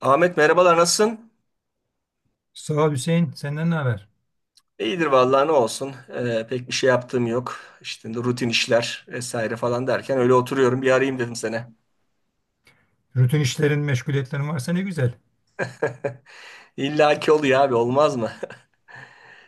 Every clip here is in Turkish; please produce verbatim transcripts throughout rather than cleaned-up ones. Ahmet merhabalar nasılsın? Sağ ol Hüseyin. Senden ne haber? İyidir vallahi ne olsun. Ee, pek bir şey yaptığım yok. İşte rutin işler vesaire falan derken öyle oturuyorum. Bir arayayım dedim sana. Rutin işlerin, meşguliyetlerin varsa ne güzel. İlla ki oluyor abi, olmaz mı?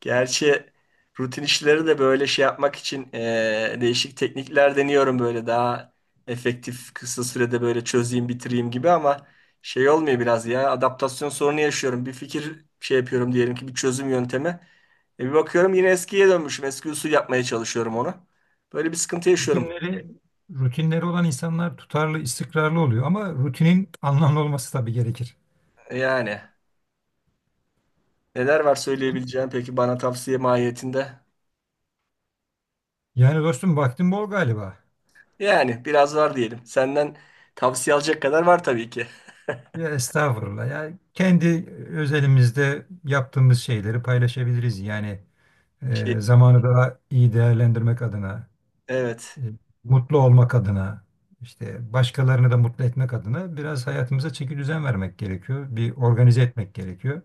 Gerçi rutin işleri de böyle şey yapmak için eee, değişik teknikler deniyorum, böyle daha efektif kısa sürede böyle çözeyim bitireyim gibi, ama şey olmuyor biraz ya, adaptasyon sorunu yaşıyorum. Bir fikir şey yapıyorum diyelim ki, bir çözüm yöntemi. E bir bakıyorum yine eskiye dönmüşüm. Eski usul yapmaya çalışıyorum onu. Böyle bir sıkıntı yaşıyorum. Rutinleri, rutinleri olan insanlar tutarlı, istikrarlı oluyor ama rutinin anlamlı olması tabii gerekir. E, Yani neler var söyleyebileceğim peki bana tavsiye mahiyetinde? Yani dostum vaktin bol galiba. Yani biraz var diyelim. Senden tavsiye alacak kadar var tabii ki. Ya estağfurullah. Ya kendi özelimizde yaptığımız şeyleri paylaşabiliriz. Yani Şey, e, zamanı daha iyi değerlendirmek adına, evet. e, mutlu olmak adına, işte başkalarını da mutlu etmek adına biraz hayatımıza çeki düzen vermek gerekiyor. Bir organize etmek gerekiyor.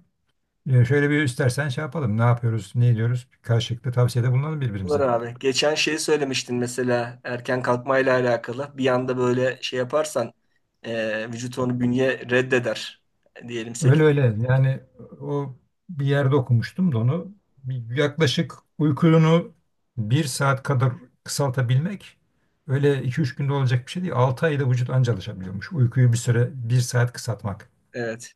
E, şöyle bir istersen şey yapalım. Ne yapıyoruz, ne ediyoruz? Karşılıklı tavsiyede bulunalım Olur birbirimize. abi. Geçen şeyi söylemiştin mesela erken kalkmayla alakalı. Bir anda böyle şey yaparsan e, vücut onu, bünye reddeder. Diyelim sekiz. Öyle öyle. Yani o bir yerde okumuştum da onu. Bir- Yaklaşık uykunu bir saat kadar kısaltabilmek öyle iki üç günde olacak bir şey değil. altı ayda vücut anca alışabiliyormuş. Uykuyu bir süre bir saat kısaltmak. Evet.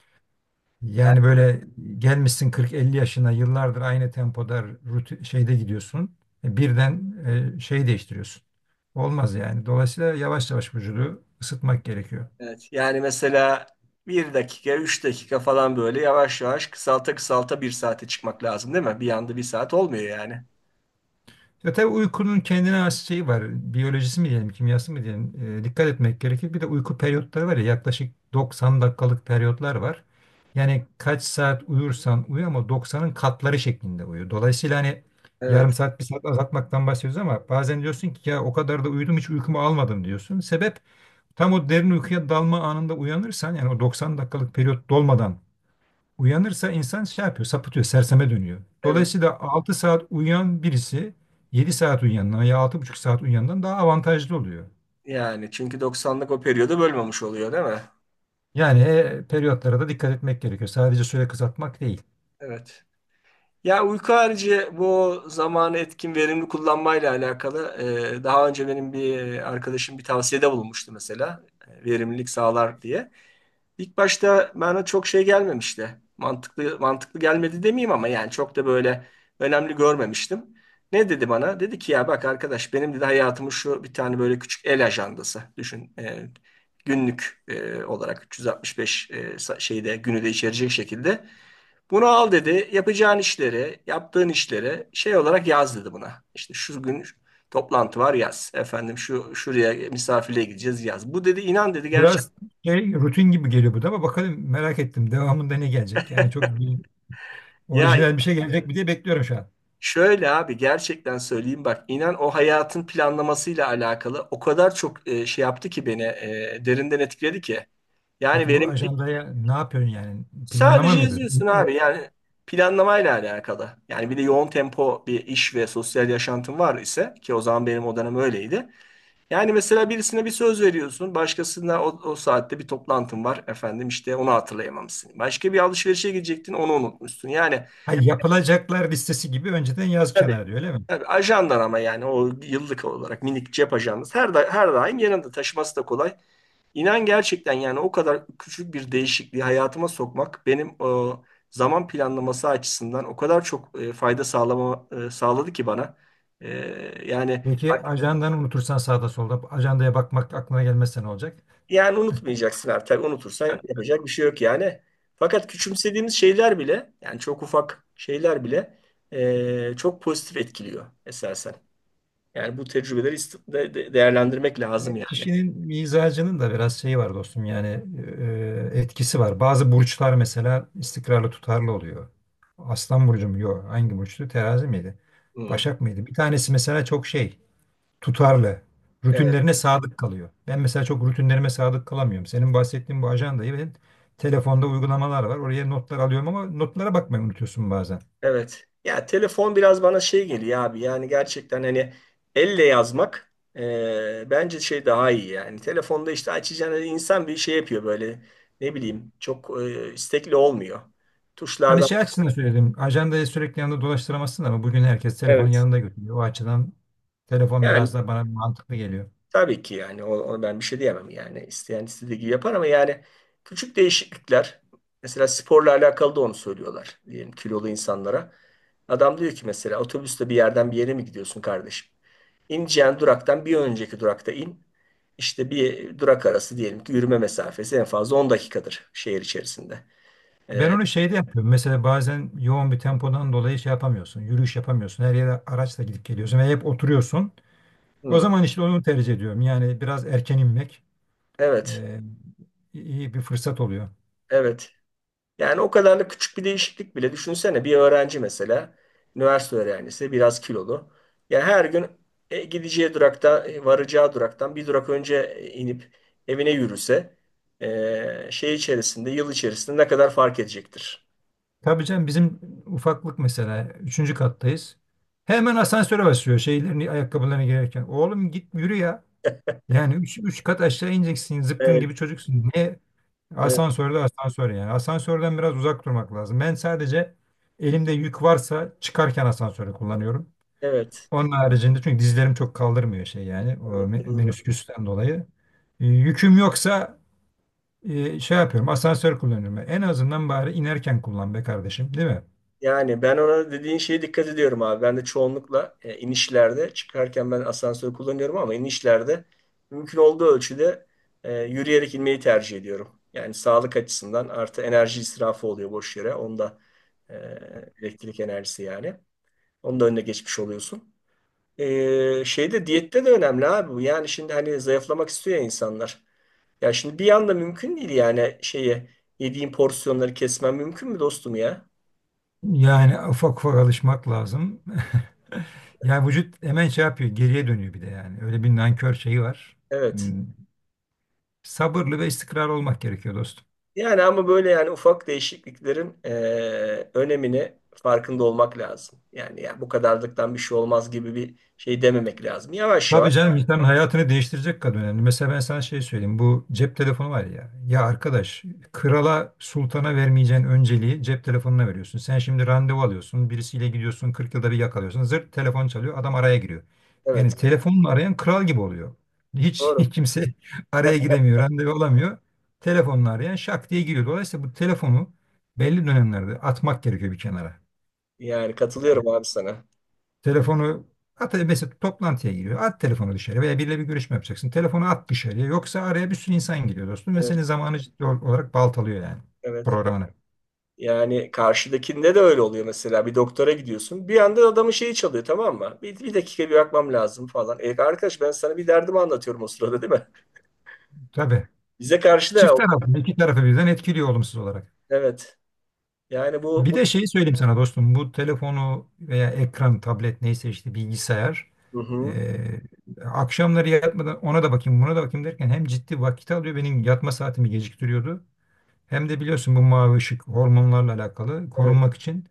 Yani, Yani böyle gelmişsin kırk elli yaşına yıllardır aynı tempoda rutin, şeyde gidiyorsun. E, Birden e, şey değiştiriyorsun. Olmaz yani. Dolayısıyla yavaş yavaş vücudu ısıtmak gerekiyor. evet. Yani mesela bir dakika üç dakika falan böyle yavaş yavaş kısalta kısalta bir saate çıkmak lazım değil mi? Bir anda bir saat olmuyor yani. Ya tabii uykunun kendine has şeyi var. Biyolojisi mi diyelim, kimyası mı diyelim. E, dikkat etmek gerekir. Bir de uyku periyotları var ya yaklaşık doksan dakikalık periyotlar var. Yani kaç saat uyursan uyu ama doksanın katları şeklinde uyu. Dolayısıyla hani yarım Evet. saat bir saat azaltmaktan bahsediyoruz ama bazen diyorsun ki ya o kadar da uyudum hiç uykumu almadım diyorsun. Sebep tam o derin uykuya dalma anında uyanırsan yani o doksan dakikalık periyot dolmadan Uyanırsa insan şey yapıyor, sapıtıyor, serseme dönüyor. Evet. Dolayısıyla altı saat uyuyan birisi yedi saat uyuyandan ya altı buçuk saat uyuyandan daha avantajlı oluyor. Yani çünkü doksanlık o periyodu bölmemiş oluyor değil mi? Yani e, periyotlara da dikkat etmek gerekiyor. Sadece süre kısaltmak değil. Evet. Ya uyku harici bu zamanı etkin verimli kullanmayla alakalı e, daha önce benim bir arkadaşım bir tavsiyede bulunmuştu mesela, e, verimlilik sağlar diye. İlk başta bana çok şey gelmemişti. Mantıklı mantıklı gelmedi demeyeyim ama yani çok da böyle önemli görmemiştim. Ne dedi bana? Dedi ki ya bak arkadaş, benim dedi hayatımın şu bir tane böyle küçük el ajandası düşün. E, günlük e, olarak üç yüz altmış beş e, sa- şeyde günü de içerecek şekilde bunu al dedi. Yapacağın işleri, yaptığın işleri şey olarak yaz dedi buna. İşte şu gün toplantı var, yaz. Efendim şu şuraya misafirliğe gideceğiz, yaz. Bu dedi inan dedi gerçek. Biraz şey, rutin gibi geliyor bu da ama bakalım merak ettim. Devamında ne gelecek? Yani çok bir- Ya orijinal bir şey gelecek mi diye bekliyorum şu an. şöyle abi gerçekten söyleyeyim, bak inan, o hayatın planlamasıyla alakalı o kadar çok e, şey yaptı ki beni, e, derinden etkiledi ki. Yani Peki bu verimlilik ajandaya ne yapıyorsun yani? Planlama sadece mı yazıyorsun yapıyorsun? abi, E, yani planlamayla alakalı. Yani bir de yoğun tempo bir iş ve sosyal yaşantın var ise, ki o zaman benim o dönem öyleydi. Yani mesela birisine bir söz veriyorsun, başkasına o, o saatte bir toplantın var, efendim işte onu hatırlayamamışsın. Başka bir alışverişe gidecektin, onu unutmuşsun. Yani Hayır, yapılacaklar listesi gibi önceden yaz tabii, kenara diyor öyle mi? tabii ajandan ama yani o yıllık olarak minik cep ajandası, her, da, her daim yanında taşıması da kolay. İnan gerçekten yani o kadar küçük bir değişikliği hayatıma sokmak benim o zaman planlaması açısından o kadar çok e, fayda sağlama, e, sağladı ki bana. E, yani Peki ajandanı unutursan sağda solda ajandaya bakmak aklına gelmezse ne olacak? Yani unutmayacaksın artık. Unutursan yapacak bir şey yok yani. Fakat küçümsediğimiz şeyler bile, yani çok ufak şeyler bile eee, çok pozitif etkiliyor esasen. Yani bu tecrübeleri ist- de- de- değerlendirmek lazım Ya, yani. Kişinin mizacının da biraz şeyi var dostum yani e, e, etkisi var. Bazı burçlar mesela istikrarlı tutarlı oluyor. Aslan burcu mu? Yok. Hangi burçtu? Terazi miydi? Hmm, Başak mıydı? Bir tanesi mesela çok şey tutarlı. evet, Rutinlerine sadık kalıyor. Ben mesela çok rutinlerime sadık kalamıyorum. Senin bahsettiğin bu ajandayı ben telefonda uygulamalar var. Oraya notlar alıyorum ama notlara bakmayı unutuyorsun bazen. evet. Ya telefon biraz bana şey geliyor abi. Yani gerçekten hani elle yazmak eee, bence şey daha iyi yani. Telefonda işte açacağına insan bir şey yapıyor, böyle ne bileyim çok eee, istekli olmuyor. Hani Tuşlardan. şey açısından söyledim. Ajandayı sürekli yanında dolaştıramazsın ama bugün herkes telefonu Evet. yanında götürüyor. O açıdan telefon Yani biraz da bana mantıklı geliyor. tabii ki yani o- ona ben bir şey diyemem yani, isteyen istediği gibi yapar ama yani küçük değişiklikler, mesela sporla alakalı da onu söylüyorlar diyelim kilolu insanlara. Adam diyor ki mesela otobüste bir yerden bir yere mi gidiyorsun kardeşim? İneceğin duraktan bir önceki durakta in. İşte bir durak arası diyelim ki yürüme mesafesi en fazla on dakikadır şehir içerisinde. Ben onu şeyde yapıyorum. Mesela bazen yoğun bir tempodan dolayı şey yapamıyorsun. Yürüyüş yapamıyorsun. Her yere araçla gidip geliyorsun ve hep oturuyorsun. O Hı, zaman işte onu tercih ediyorum. Yani biraz erken inmek evet, e, iyi bir fırsat oluyor. evet. Yani o kadar da küçük bir değişiklik bile, düşünsene bir öğrenci mesela, üniversite öğrencisi biraz kilolu. Yani her gün e, gideceği durakta e, varacağı duraktan bir durak önce e, inip evine yürüse e, şey içerisinde yıl içerisinde ne kadar fark edecektir? Tabii canım bizim ufaklık mesela. Üçüncü kattayız. Hemen asansöre basıyor şeylerini ayakkabılarını girerken. Oğlum git yürü ya. Yani üç, üç kat aşağı ineceksin. Zıpkın Evet, gibi çocuksun. Niye? evet, Asansörde asansör yani. Asansörden biraz uzak durmak lazım. Ben sadece elimde yük varsa çıkarken asansörü kullanıyorum. evet, Onun haricinde çünkü dizlerim çok kaldırmıyor şey yani. O evet, me- doğru. menüsküsten dolayı. E, yüküm yoksa e, şey yapıyorum. Asansör kullanıyorum. En azından bari inerken kullan be kardeşim, değil mi? Yani ben ona, dediğin şeye dikkat ediyorum abi. Ben de çoğunlukla e, inişlerde, çıkarken ben asansör kullanıyorum ama inişlerde mümkün olduğu ölçüde e, yürüyerek inmeyi tercih ediyorum. Yani sağlık açısından, artı enerji israfı oluyor boş yere. Onda e, elektrik enerjisi yani. Onun da önüne geçmiş oluyorsun. E, şeyde Diyette de önemli abi bu. Yani şimdi hani zayıflamak istiyor ya insanlar. Ya şimdi bir anda mümkün değil yani, şeyi yediğin porsiyonları kesmen mümkün mü dostum ya? Yani ufak ufak alışmak lazım. Yani vücut hemen şey yapıyor, geriye dönüyor bir de yani. Öyle bir nankör şeyi var. Evet. Hmm. Sabırlı ve istikrarlı olmak gerekiyor dostum. Yani ama böyle, yani ufak değişikliklerin eee, önemini farkında olmak lazım. Yani ya bu kadarlıktan bir şey olmaz gibi bir şey dememek lazım. Yavaş yavaş. Tabii canım insanın hayatını değiştirecek kadar önemli. Mesela ben sana şey söyleyeyim. Bu cep telefonu var ya. Ya arkadaş krala sultana vermeyeceğin önceliği cep telefonuna veriyorsun. Sen şimdi randevu alıyorsun. Birisiyle gidiyorsun. kırk yılda bir yakalıyorsun. Zırt telefon çalıyor. Adam araya giriyor. Yani Evet. telefonla arayan kral gibi oluyor. Hiç Doğru. kimse araya giremiyor. Randevu alamıyor. Telefonla arayan şak diye giriyor. Dolayısıyla bu telefonu belli dönemlerde atmak gerekiyor bir kenara. Yani katılıyorum abi sana. Telefonu at mesela toplantıya giriyor. At telefonu dışarı veya biriyle bir görüşme yapacaksın. Telefonu at dışarıya. Yoksa araya bir sürü insan giriyor dostum ve senin Evet, zamanı ciddi ol- olarak baltalıyor yani evet. programını. Yani karşıdakinde de öyle oluyor mesela. Bir doktora gidiyorsun. Bir anda adamın şeyi çalıyor, tamam mı? Bir, bir dakika bir bakmam lazım falan. E, arkadaş ben sana bir derdimi anlatıyorum o sırada, değil mi? Tabii. Bize karşı da Çift taraflı, iki tarafı birden etkiliyor olumsuz olarak. evet. Yani bu, Bir de bu... şeyi söyleyeyim sana dostum. Bu telefonu veya ekran, tablet neyse işte bilgisayar. Hı hı. eee, Akşamları yatmadan ona da bakayım buna da bakayım derken hem ciddi vakit alıyor. Benim yatma saatimi geciktiriyordu. Hem de biliyorsun bu mavi ışık hormonlarla alakalı Evet. korunmak için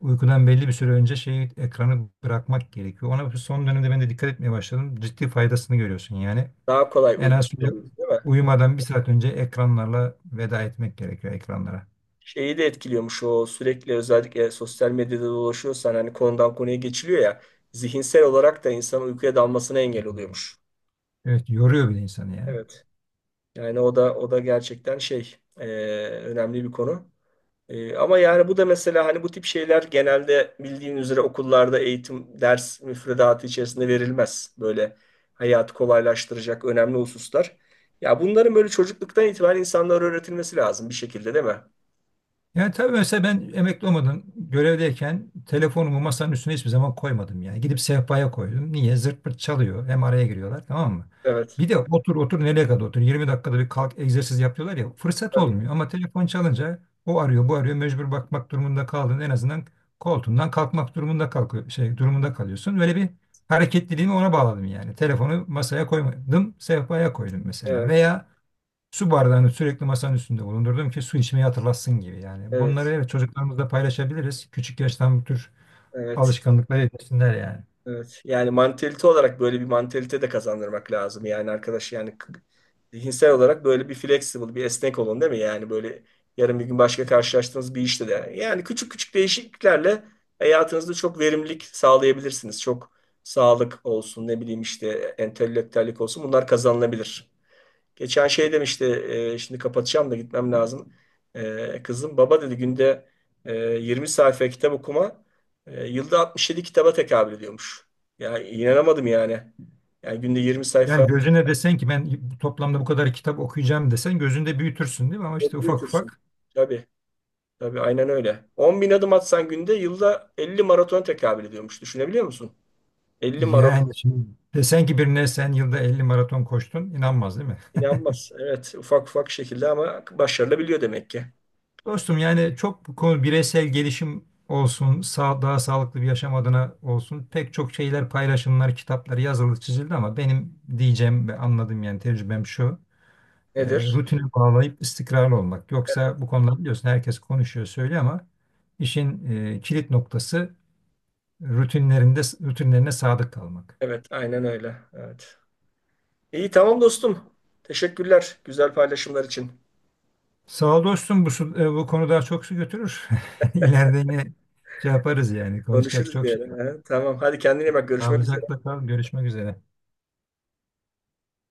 uykudan belli bir süre önce şeyi ekranı bırakmak gerekiyor. Ona son dönemde ben de dikkat etmeye başladım. Ciddi faydasını görüyorsun yani. Daha kolay En uygun az oluyor, değil mi? uyumadan bir saat önce ekranlarla veda etmek gerekiyor ekranlara. Şeyi de etkiliyormuş o, sürekli özellikle sosyal medyada dolaşıyorsan hani konudan konuya geçiliyor ya, zihinsel olarak da insanın uykuya dalmasına engel oluyormuş. Evet yoruyor bir de insanı ya. Evet. Yani o da o da gerçekten şey, e, önemli bir konu. E, ama yani bu da mesela, hani bu tip şeyler genelde bildiğin üzere okullarda eğitim ders müfredatı içerisinde verilmez. Böyle hayatı kolaylaştıracak önemli hususlar. Ya bunların böyle çocukluktan itibaren insanlara öğretilmesi lazım bir şekilde, değil mi? Yani tabii mesela ben emekli olmadan görevdeyken telefonumu masanın üstüne hiçbir zaman koymadım yani. Gidip sehpaya koydum. Niye? Zırt pırt çalıyor. Hem araya giriyorlar tamam mı? Evet. Bir de otur otur nereye kadar otur. yirmi dakikada bir kalk egzersiz yapıyorlar ya. Fırsat Tabii. olmuyor ama telefon çalınca o arıyor bu arıyor. Mecbur bakmak durumunda kaldın. En azından koltuğundan kalkmak durumunda kalkıyor, şey durumunda kalıyorsun. Böyle bir hareketliliğimi ona bağladım yani. Telefonu masaya koymadım. Sehpaya koydum mesela. Evet, Veya Su bardağını sürekli masanın üstünde bulundurdum ki su içmeyi hatırlatsın gibi yani. Bunları evet, evet çocuklarımızla paylaşabiliriz. Küçük yaştan bu tür evet. alışkanlıkları edinsinler yani. Evet. Yani mantalite olarak böyle bir mantalite de kazandırmak lazım. Yani arkadaş yani k- zihinsel olarak böyle bir flexible, bir esnek olun, değil mi? Yani böyle yarın bir gün başka karşılaştığınız bir işte de, yani küçük küçük değişikliklerle hayatınızda çok verimlilik sağlayabilirsiniz. Çok, sağlık olsun, ne bileyim işte entelektüellik olsun. Bunlar kazanılabilir. Geçen şey demişti, e, şimdi kapatacağım da gitmem lazım. E, kızım baba dedi günde e, yirmi sayfa kitap okuma e, yılda altmış yedi kitaba tekabül ediyormuş. Ya inanamadım yani. Yani günde yirmi Yani sayfa gözüne desen ki ben toplamda bu kadar kitap okuyacağım desen gözünde büyütürsün değil mi? Ama işte çok ufak büyütürsün. ufak Tabii, tabii aynen öyle. on bin adım atsan günde, yılda elli maraton tekabül ediyormuş. Düşünebiliyor musun? elli maraton. yani şimdi desen ki birine sen yılda elli maraton koştun inanmaz değil mi? İnanmaz. Evet ufak ufak şekilde ama başarılabiliyor demek ki. Dostum yani çok bu konu bireysel gelişim olsun, sağ, daha sağlıklı bir yaşam adına olsun pek çok şeyler paylaşımlar, kitaplar yazılı çizildi ama benim diyeceğim ve anladığım yani tecrübem şu. e, Nedir? Rutine bağlayıp istikrarlı olmak. Yoksa bu konuda biliyorsun herkes konuşuyor söylüyor ama işin e, kilit noktası rutinlerinde rutinlerine sadık kalmak. Evet aynen öyle. Evet. İyi tamam dostum. Teşekkürler güzel paylaşımlar için. Sağ ol dostum bu, su- e, bu konu daha çok su götürür. İleride yine şey yaparız yani konuşacak Konuşuruz çok bir şey var. ara. He, tamam, hadi kendine iyi bak, görüşmek üzere. Sağlıcakla kal görüşmek üzere.